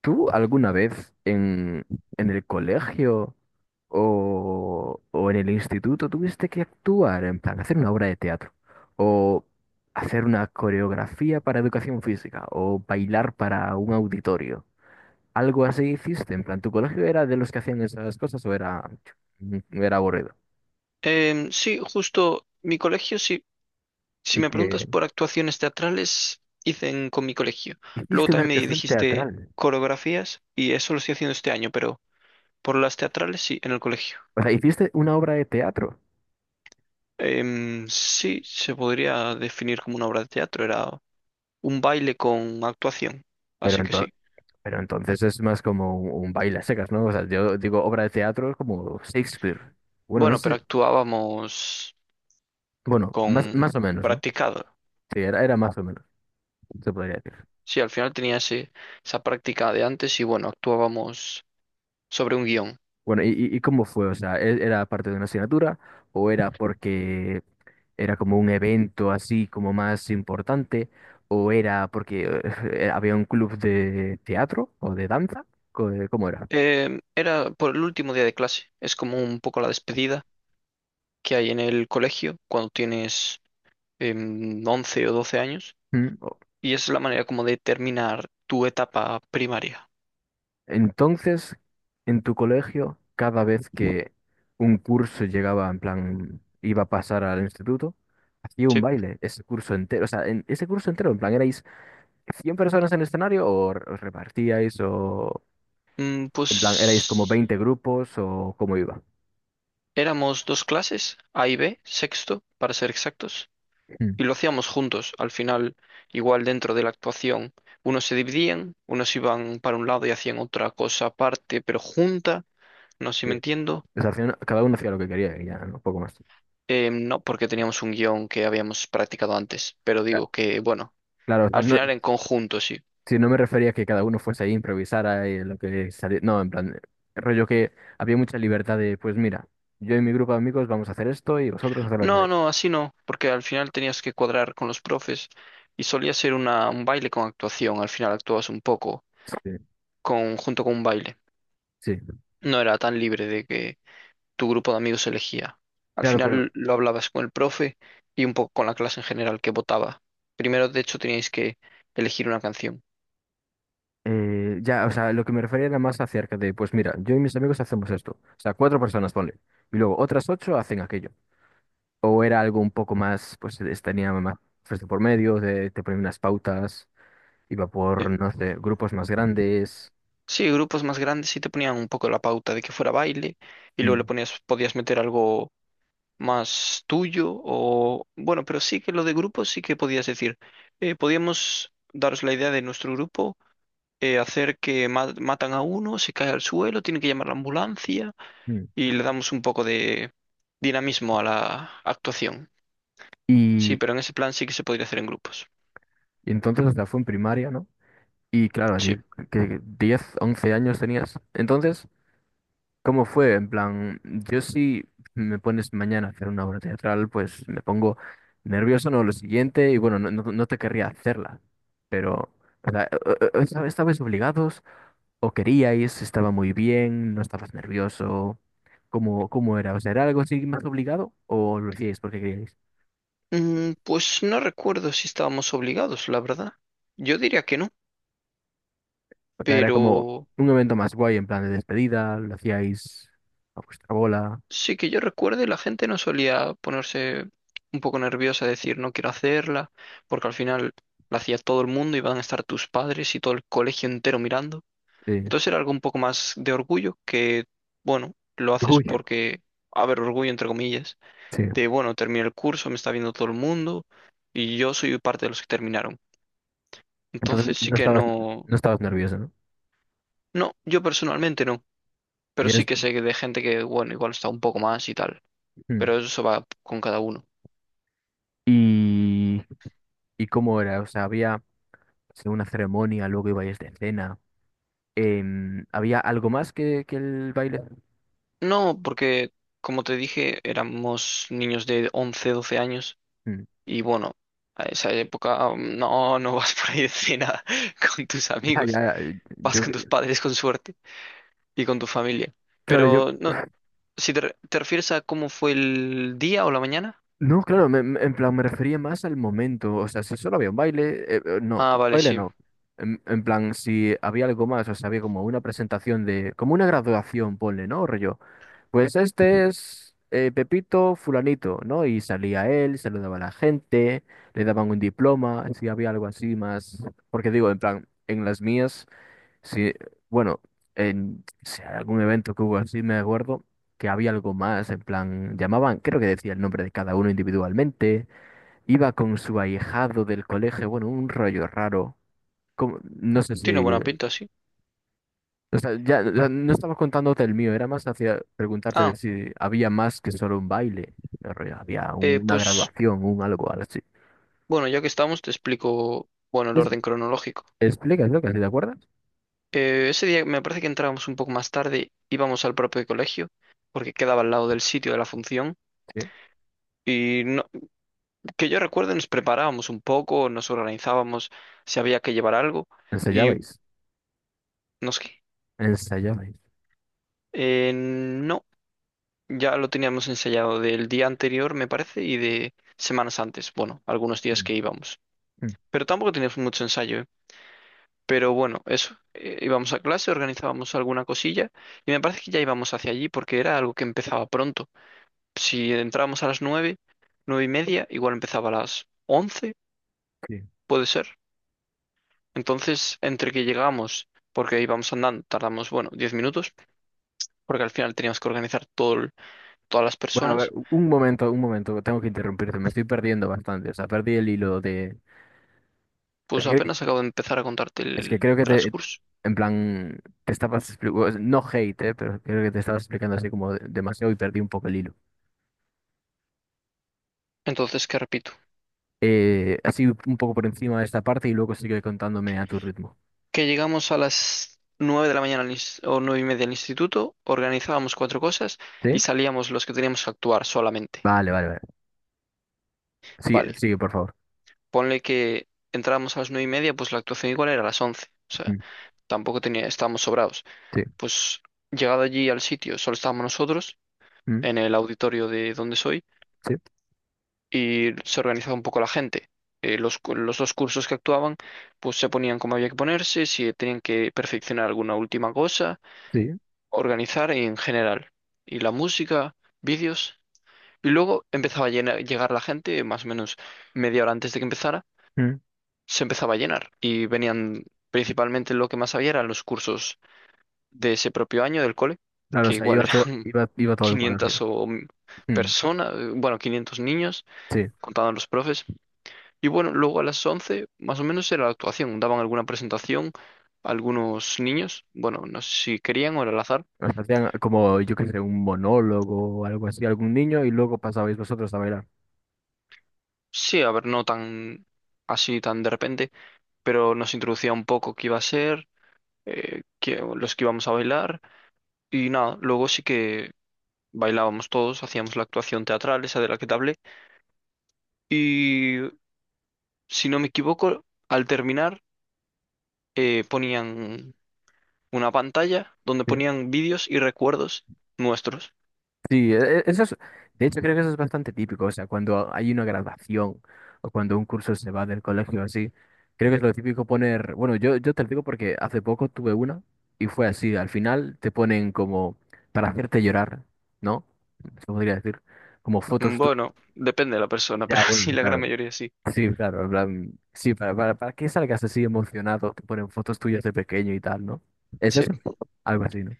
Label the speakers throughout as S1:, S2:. S1: ¿Tú alguna vez en el colegio o en el instituto tuviste que actuar, en plan, hacer una obra de teatro o hacer una coreografía para educación física o bailar para un auditorio? ¿Algo así hiciste? En plan, ¿tu colegio era de los que hacían esas cosas o era, era aburrido?
S2: Sí, justo mi colegio, sí, si
S1: Y
S2: me preguntas
S1: que
S2: por actuaciones teatrales, hice con mi colegio. Luego
S1: hiciste una
S2: también me
S1: actuación
S2: dijiste
S1: teatral.
S2: coreografías y eso lo estoy haciendo este año, pero por las teatrales sí, en el colegio.
S1: O sea, hiciste una obra de teatro,
S2: Sí, se podría definir como una obra de teatro, era un baile con actuación,
S1: pero
S2: así que sí.
S1: pero entonces es más como un baile a secas, ¿no? O sea, yo digo obra de teatro como Shakespeare. Bueno, no
S2: Bueno, pero
S1: sé.
S2: actuábamos
S1: Bueno,
S2: con
S1: más o menos, ¿no?
S2: practicado.
S1: Sí, era más o menos, se podría decir.
S2: Sí, al final tenía esa práctica de antes y bueno, actuábamos sobre un guión.
S1: Bueno, ¿y cómo fue? O sea, ¿era parte de una asignatura o era porque era como un evento así como más importante o era porque había un club de teatro o de danza? ¿Cómo era?
S2: Era por el último día de clase. Es como un poco la despedida que hay en el colegio cuando tienes 11 o 12 años.
S1: ¿Mm?
S2: Y es la manera como de terminar tu etapa primaria.
S1: Entonces, en tu colegio, cada vez que un curso llegaba, en plan, iba a pasar al instituto, hacía un
S2: Sí.
S1: baile, ese curso entero, o sea, en ese curso entero, en plan, ¿erais 100 personas en el escenario o os repartíais o,
S2: Mm,
S1: en plan, erais como
S2: pues
S1: 20 grupos o cómo iba?
S2: éramos dos clases, A y B, sexto, para ser exactos.
S1: Mm.
S2: Y lo hacíamos juntos. Al final, igual dentro de la actuación, unos se dividían, unos iban para un lado y hacían otra cosa aparte, pero junta. No sé si
S1: Sí.
S2: me entiendo.
S1: O sea, al final, cada uno hacía lo que quería y ya, ¿no? Poco más.
S2: No, porque teníamos un guión que habíamos practicado antes, pero
S1: Ya.
S2: digo que, bueno,
S1: Claro, o sea,
S2: al
S1: no,
S2: final en conjunto sí.
S1: si no me refería a que cada uno fuese ahí, improvisara y lo que saliera. No, en plan, rollo que había mucha libertad de, pues mira, yo y mi grupo de amigos vamos a hacer esto y vosotros haced lo que
S2: No,
S1: queráis.
S2: no, así no, porque al final tenías que cuadrar con los profes y solía ser una, un baile con actuación, al final actuabas un poco
S1: Sí,
S2: con, junto con un baile.
S1: sí.
S2: No era tan libre de que tu grupo de amigos elegía. Al
S1: Claro, pero
S2: final lo hablabas con el profe y un poco con la clase en general que votaba. Primero, de hecho, teníais que elegir una canción.
S1: ya, o sea, lo que me refería era más acerca de, pues mira, yo y mis amigos hacemos esto. O sea, cuatro personas, ponle. Y luego otras ocho hacen aquello. O era algo un poco más, pues tenía más pues, de por medio, de, te ponía unas pautas, iba
S2: Eh,
S1: por, no sé, grupos más grandes.
S2: Sí, grupos más grandes sí te ponían un poco la pauta de que fuera baile y luego le
S1: Mm,
S2: ponías, podías meter algo más tuyo o bueno, pero sí que lo de grupos sí que podías decir, podíamos daros la idea de nuestro grupo, hacer que matan a uno, se cae al suelo, tiene que llamar la ambulancia
S1: mm.
S2: y le damos un poco de dinamismo a la actuación. Sí,
S1: Y,
S2: pero en ese plan sí que se podría hacer en grupos.
S1: y entonces hasta fue en primaria, ¿no? Y claro,
S2: Sí.
S1: así que 10 u 11 años tenías. Entonces, ¿cómo fue? En plan, yo si me pones mañana a hacer una obra teatral, pues me pongo nervioso, ¿no? Lo siguiente, y bueno, no te querría hacerla, pero, o sea, ¿estabais obligados o queríais? ¿Estaba muy bien? ¿No estabas nervioso? ¿Cómo era? O sea, ¿era algo así más obligado o lo hacíais porque queríais?
S2: Mm, pues no recuerdo si estábamos obligados, la verdad. Yo diría que no,
S1: O sea, era como
S2: pero...
S1: un evento más guay en plan de despedida, lo hacíais a vuestra bola.
S2: Sí, que yo recuerde, la gente no solía ponerse un poco nerviosa, decir no quiero hacerla, porque al final la hacía todo el mundo, iban a estar tus padres y todo el colegio entero mirando.
S1: Sí.
S2: Entonces era algo un poco más de orgullo que, bueno, lo haces
S1: Uy,
S2: porque, a ver, orgullo entre comillas,
S1: sí.
S2: de, bueno, terminé el curso, me está viendo todo el mundo y yo soy parte de los que terminaron.
S1: Entonces
S2: Entonces sí que no,
S1: no estabas nervioso, ¿no?
S2: no, yo personalmente no,
S1: Y
S2: pero sí
S1: eres...
S2: que sé que de gente que, bueno, igual está un poco más y tal,
S1: Mm.
S2: pero eso va con cada uno.
S1: ¿Y, y cómo era? O sea, había sí, una ceremonia, luego ibais de cena. ¿Había algo más que el baile?
S2: No, porque como te dije, éramos niños de 11, 12 años
S1: Mm.
S2: y bueno, a esa época no, no vas por ahí de cena con tus
S1: Ya, ya,
S2: amigos,
S1: eh,
S2: vas
S1: yo,
S2: con tus padres con suerte y con tu familia.
S1: claro, yo...
S2: Pero no, si te, te refieres a cómo fue el día o la mañana,
S1: No, claro, en plan me refería más al momento. O sea, si solo había un baile, no,
S2: ah, vale,
S1: baile
S2: sí,
S1: no. En plan, si había algo más, o sea, había como una presentación de... Como una graduación, ponle, ¿no? Rollo. Pues este es Pepito Fulanito, ¿no? Y salía él, saludaba a la gente, le daban un diploma, si había algo así más. Porque digo, en plan, en las mías, si, bueno, en si hay algún evento que hubo así, me acuerdo que había algo más, en plan, llamaban, creo que decía el nombre de cada uno individualmente, iba con su ahijado del colegio, bueno, un rollo raro. No sé
S2: tiene
S1: si
S2: buena pinta, sí.
S1: o sea, ya no estaba contándote el mío, era más hacia preguntarte de
S2: Ah,
S1: si había más que solo un baile, pero ya había una
S2: pues
S1: graduación, un algo algo así.
S2: bueno, ya que estamos, te explico, bueno, el
S1: Pues,
S2: orden cronológico.
S1: explica, lo ¿te acuerdas?
S2: Ese día me parece que entrábamos un poco más tarde, íbamos al propio colegio, porque quedaba al lado del sitio de la función.
S1: Sí.
S2: Y no- que yo recuerde, nos preparábamos un poco, nos organizábamos si había que llevar algo. Y
S1: Ensayabais,
S2: no sé,
S1: ensayabais.
S2: no, ya lo teníamos ensayado del día anterior, me parece, y de semanas antes, bueno, algunos días
S1: Mm,
S2: que íbamos.
S1: mm,
S2: Pero tampoco teníamos mucho ensayo, ¿eh? Pero bueno, eso, íbamos a clase, organizábamos alguna cosilla, y me parece que ya íbamos hacia allí porque era algo que empezaba pronto. Si entrábamos a las nueve, nueve y media, igual empezaba a las once,
S1: sí.
S2: puede ser. Entonces, entre que llegamos, porque íbamos andando, tardamos, bueno, 10 minutos, porque al final teníamos que organizar todo, todas las
S1: Bueno, a ver,
S2: personas,
S1: un momento, tengo que interrumpirte, me estoy perdiendo bastante, o sea, perdí el hilo de... Es
S2: pues
S1: que,
S2: apenas acabo de empezar a contarte el
S1: creo que te,
S2: transcurso.
S1: en plan, te estabas explicando, no hate, pero creo que te estabas explicando así como demasiado y perdí un poco el hilo.
S2: Entonces, que repito,
S1: Así un poco por encima de esta parte y luego sigue contándome a tu ritmo.
S2: que llegamos a las nueve de la mañana al o nueve y media al instituto, organizábamos cuatro cosas y
S1: ¿Sí?
S2: salíamos los que teníamos que actuar solamente.
S1: Vale.
S2: Vale,
S1: Sigue, por favor.
S2: ponle que entrábamos a las nueve y media, pues la actuación igual era a las once.
S1: Mm,
S2: Tampoco tenía, estábamos sobrados.
S1: sí.
S2: Pues llegado allí al sitio, solo estábamos nosotros
S1: Mm,
S2: en el auditorio de donde soy
S1: sí.
S2: y se organizaba un poco la gente. Los dos cursos que actuaban, pues se ponían como había que ponerse, si tenían que perfeccionar alguna última cosa,
S1: Sí.
S2: organizar en general. Y la música, vídeos. Y luego empezaba a llegar la gente, más o menos media hora antes de que empezara,
S1: Mm.
S2: se empezaba a llenar. Y venían principalmente lo que más había eran los cursos de ese propio año del cole,
S1: Claro, o
S2: que
S1: sea,
S2: igual
S1: iba todo,
S2: eran
S1: iba todo el colegio.
S2: 500 o mm,
S1: Mm,
S2: personas, bueno, 500 niños,
S1: sí.
S2: contaban los profes. Y bueno, luego a las 11 más o menos era la actuación, daban alguna presentación a algunos niños, bueno, no sé si querían o era al azar.
S1: O sea, hacían como, yo qué sé, un monólogo o algo así, algún niño, y luego pasabais vosotros a bailar.
S2: Sí, a ver, no tan así, tan de repente, pero nos introducía un poco qué iba a ser, los que íbamos a bailar y nada, luego sí que... Bailábamos todos, hacíamos la actuación teatral, esa de la que te hablé, y si no me equivoco, al terminar ponían una pantalla donde
S1: Sí.
S2: ponían vídeos y recuerdos nuestros.
S1: Sí, eso es, de hecho creo que eso es bastante típico, o sea, cuando hay una graduación o cuando un curso se va del colegio así, creo que es lo típico poner, bueno, yo te lo digo porque hace poco tuve una y fue así, al final te ponen como para hacerte llorar, ¿no? Se podría decir, como fotos tuyas.
S2: Bueno, depende de la persona, pero
S1: Ya,
S2: sí,
S1: bueno,
S2: la gran
S1: claro,
S2: mayoría sí.
S1: sí, claro, en plan, sí, para que salgas así emocionado, te ponen fotos tuyas de pequeño y tal, ¿no? ¿Es
S2: Sí,
S1: eso? Algo así, ¿no?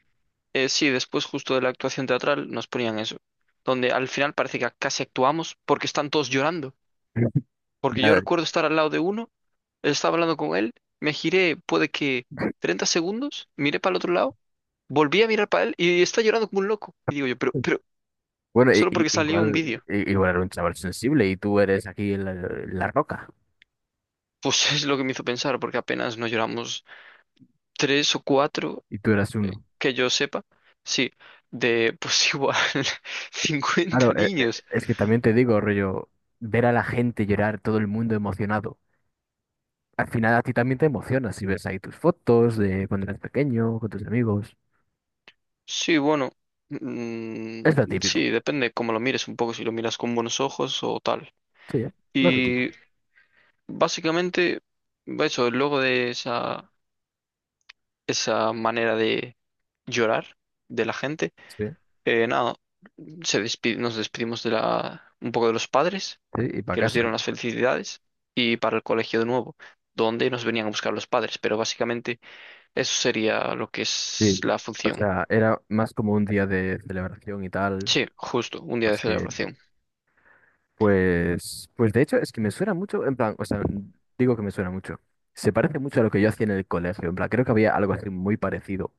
S2: Sí, después justo de la actuación teatral nos ponían eso, donde al final parece que casi actuamos porque están todos llorando. Porque yo
S1: Ya,
S2: recuerdo estar al lado de uno, estaba hablando con él, me giré, puede que 30 segundos, miré para el otro lado, volví a mirar para él y está llorando como un loco. Y digo yo, pero,
S1: bueno,
S2: solo porque salió un
S1: igual,
S2: vídeo.
S1: igual era un chaval sensible y tú eres aquí la roca
S2: Pues es lo que me hizo pensar, porque apenas nos lloramos tres o cuatro,
S1: y tú eras uno.
S2: que yo sepa, sí, de pues igual 50
S1: Claro,
S2: niños.
S1: es que también te digo, rollo, ver a la gente llorar, todo el mundo emocionado. Al final a ti también te emocionas si ves ahí tus fotos de cuando eras pequeño, con tus amigos.
S2: Sí, bueno,
S1: Es lo
S2: mm,
S1: típico,
S2: sí, depende cómo lo mires un poco, si lo miras con buenos ojos o tal.
S1: sí, ¿eh? Lo típico.
S2: Y básicamente, eso, luego de esa, esa manera de llorar de la gente,
S1: Sí,
S2: nada, nos despedimos de la, un poco de los padres.
S1: sí, y para
S2: Que nos
S1: casa.
S2: dieron las felicidades y para el colegio de nuevo, donde nos venían a buscar los padres, pero básicamente eso sería lo que
S1: Sí.
S2: es la
S1: O
S2: función.
S1: sea, era más como un día de celebración y tal,
S2: Sí, justo, un día de
S1: más que...
S2: celebración.
S1: Pues, pues de hecho es que me suena mucho, en plan, o sea, digo que me suena mucho. Se parece mucho a lo que yo hacía en el colegio, en plan, creo que había algo así muy parecido.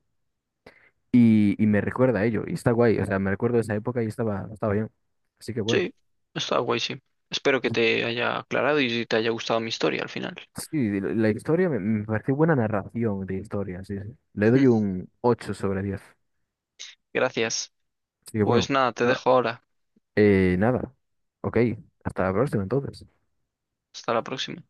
S1: Y me recuerda a ello, y está guay, o sea, me recuerdo de esa época y estaba, estaba bien. Así que bueno.
S2: Sí, está guay, sí. Espero que te haya aclarado y te haya gustado mi historia al final.
S1: Sí, de la historia me pareció buena narración de historia, sí, sí. Le doy
S2: Mm.
S1: un 8 sobre 10.
S2: Gracias.
S1: Así que
S2: Pues
S1: bueno,
S2: nada, te
S1: nada.
S2: dejo ahora.
S1: Nada. Ok, hasta la próxima entonces.
S2: Hasta la próxima.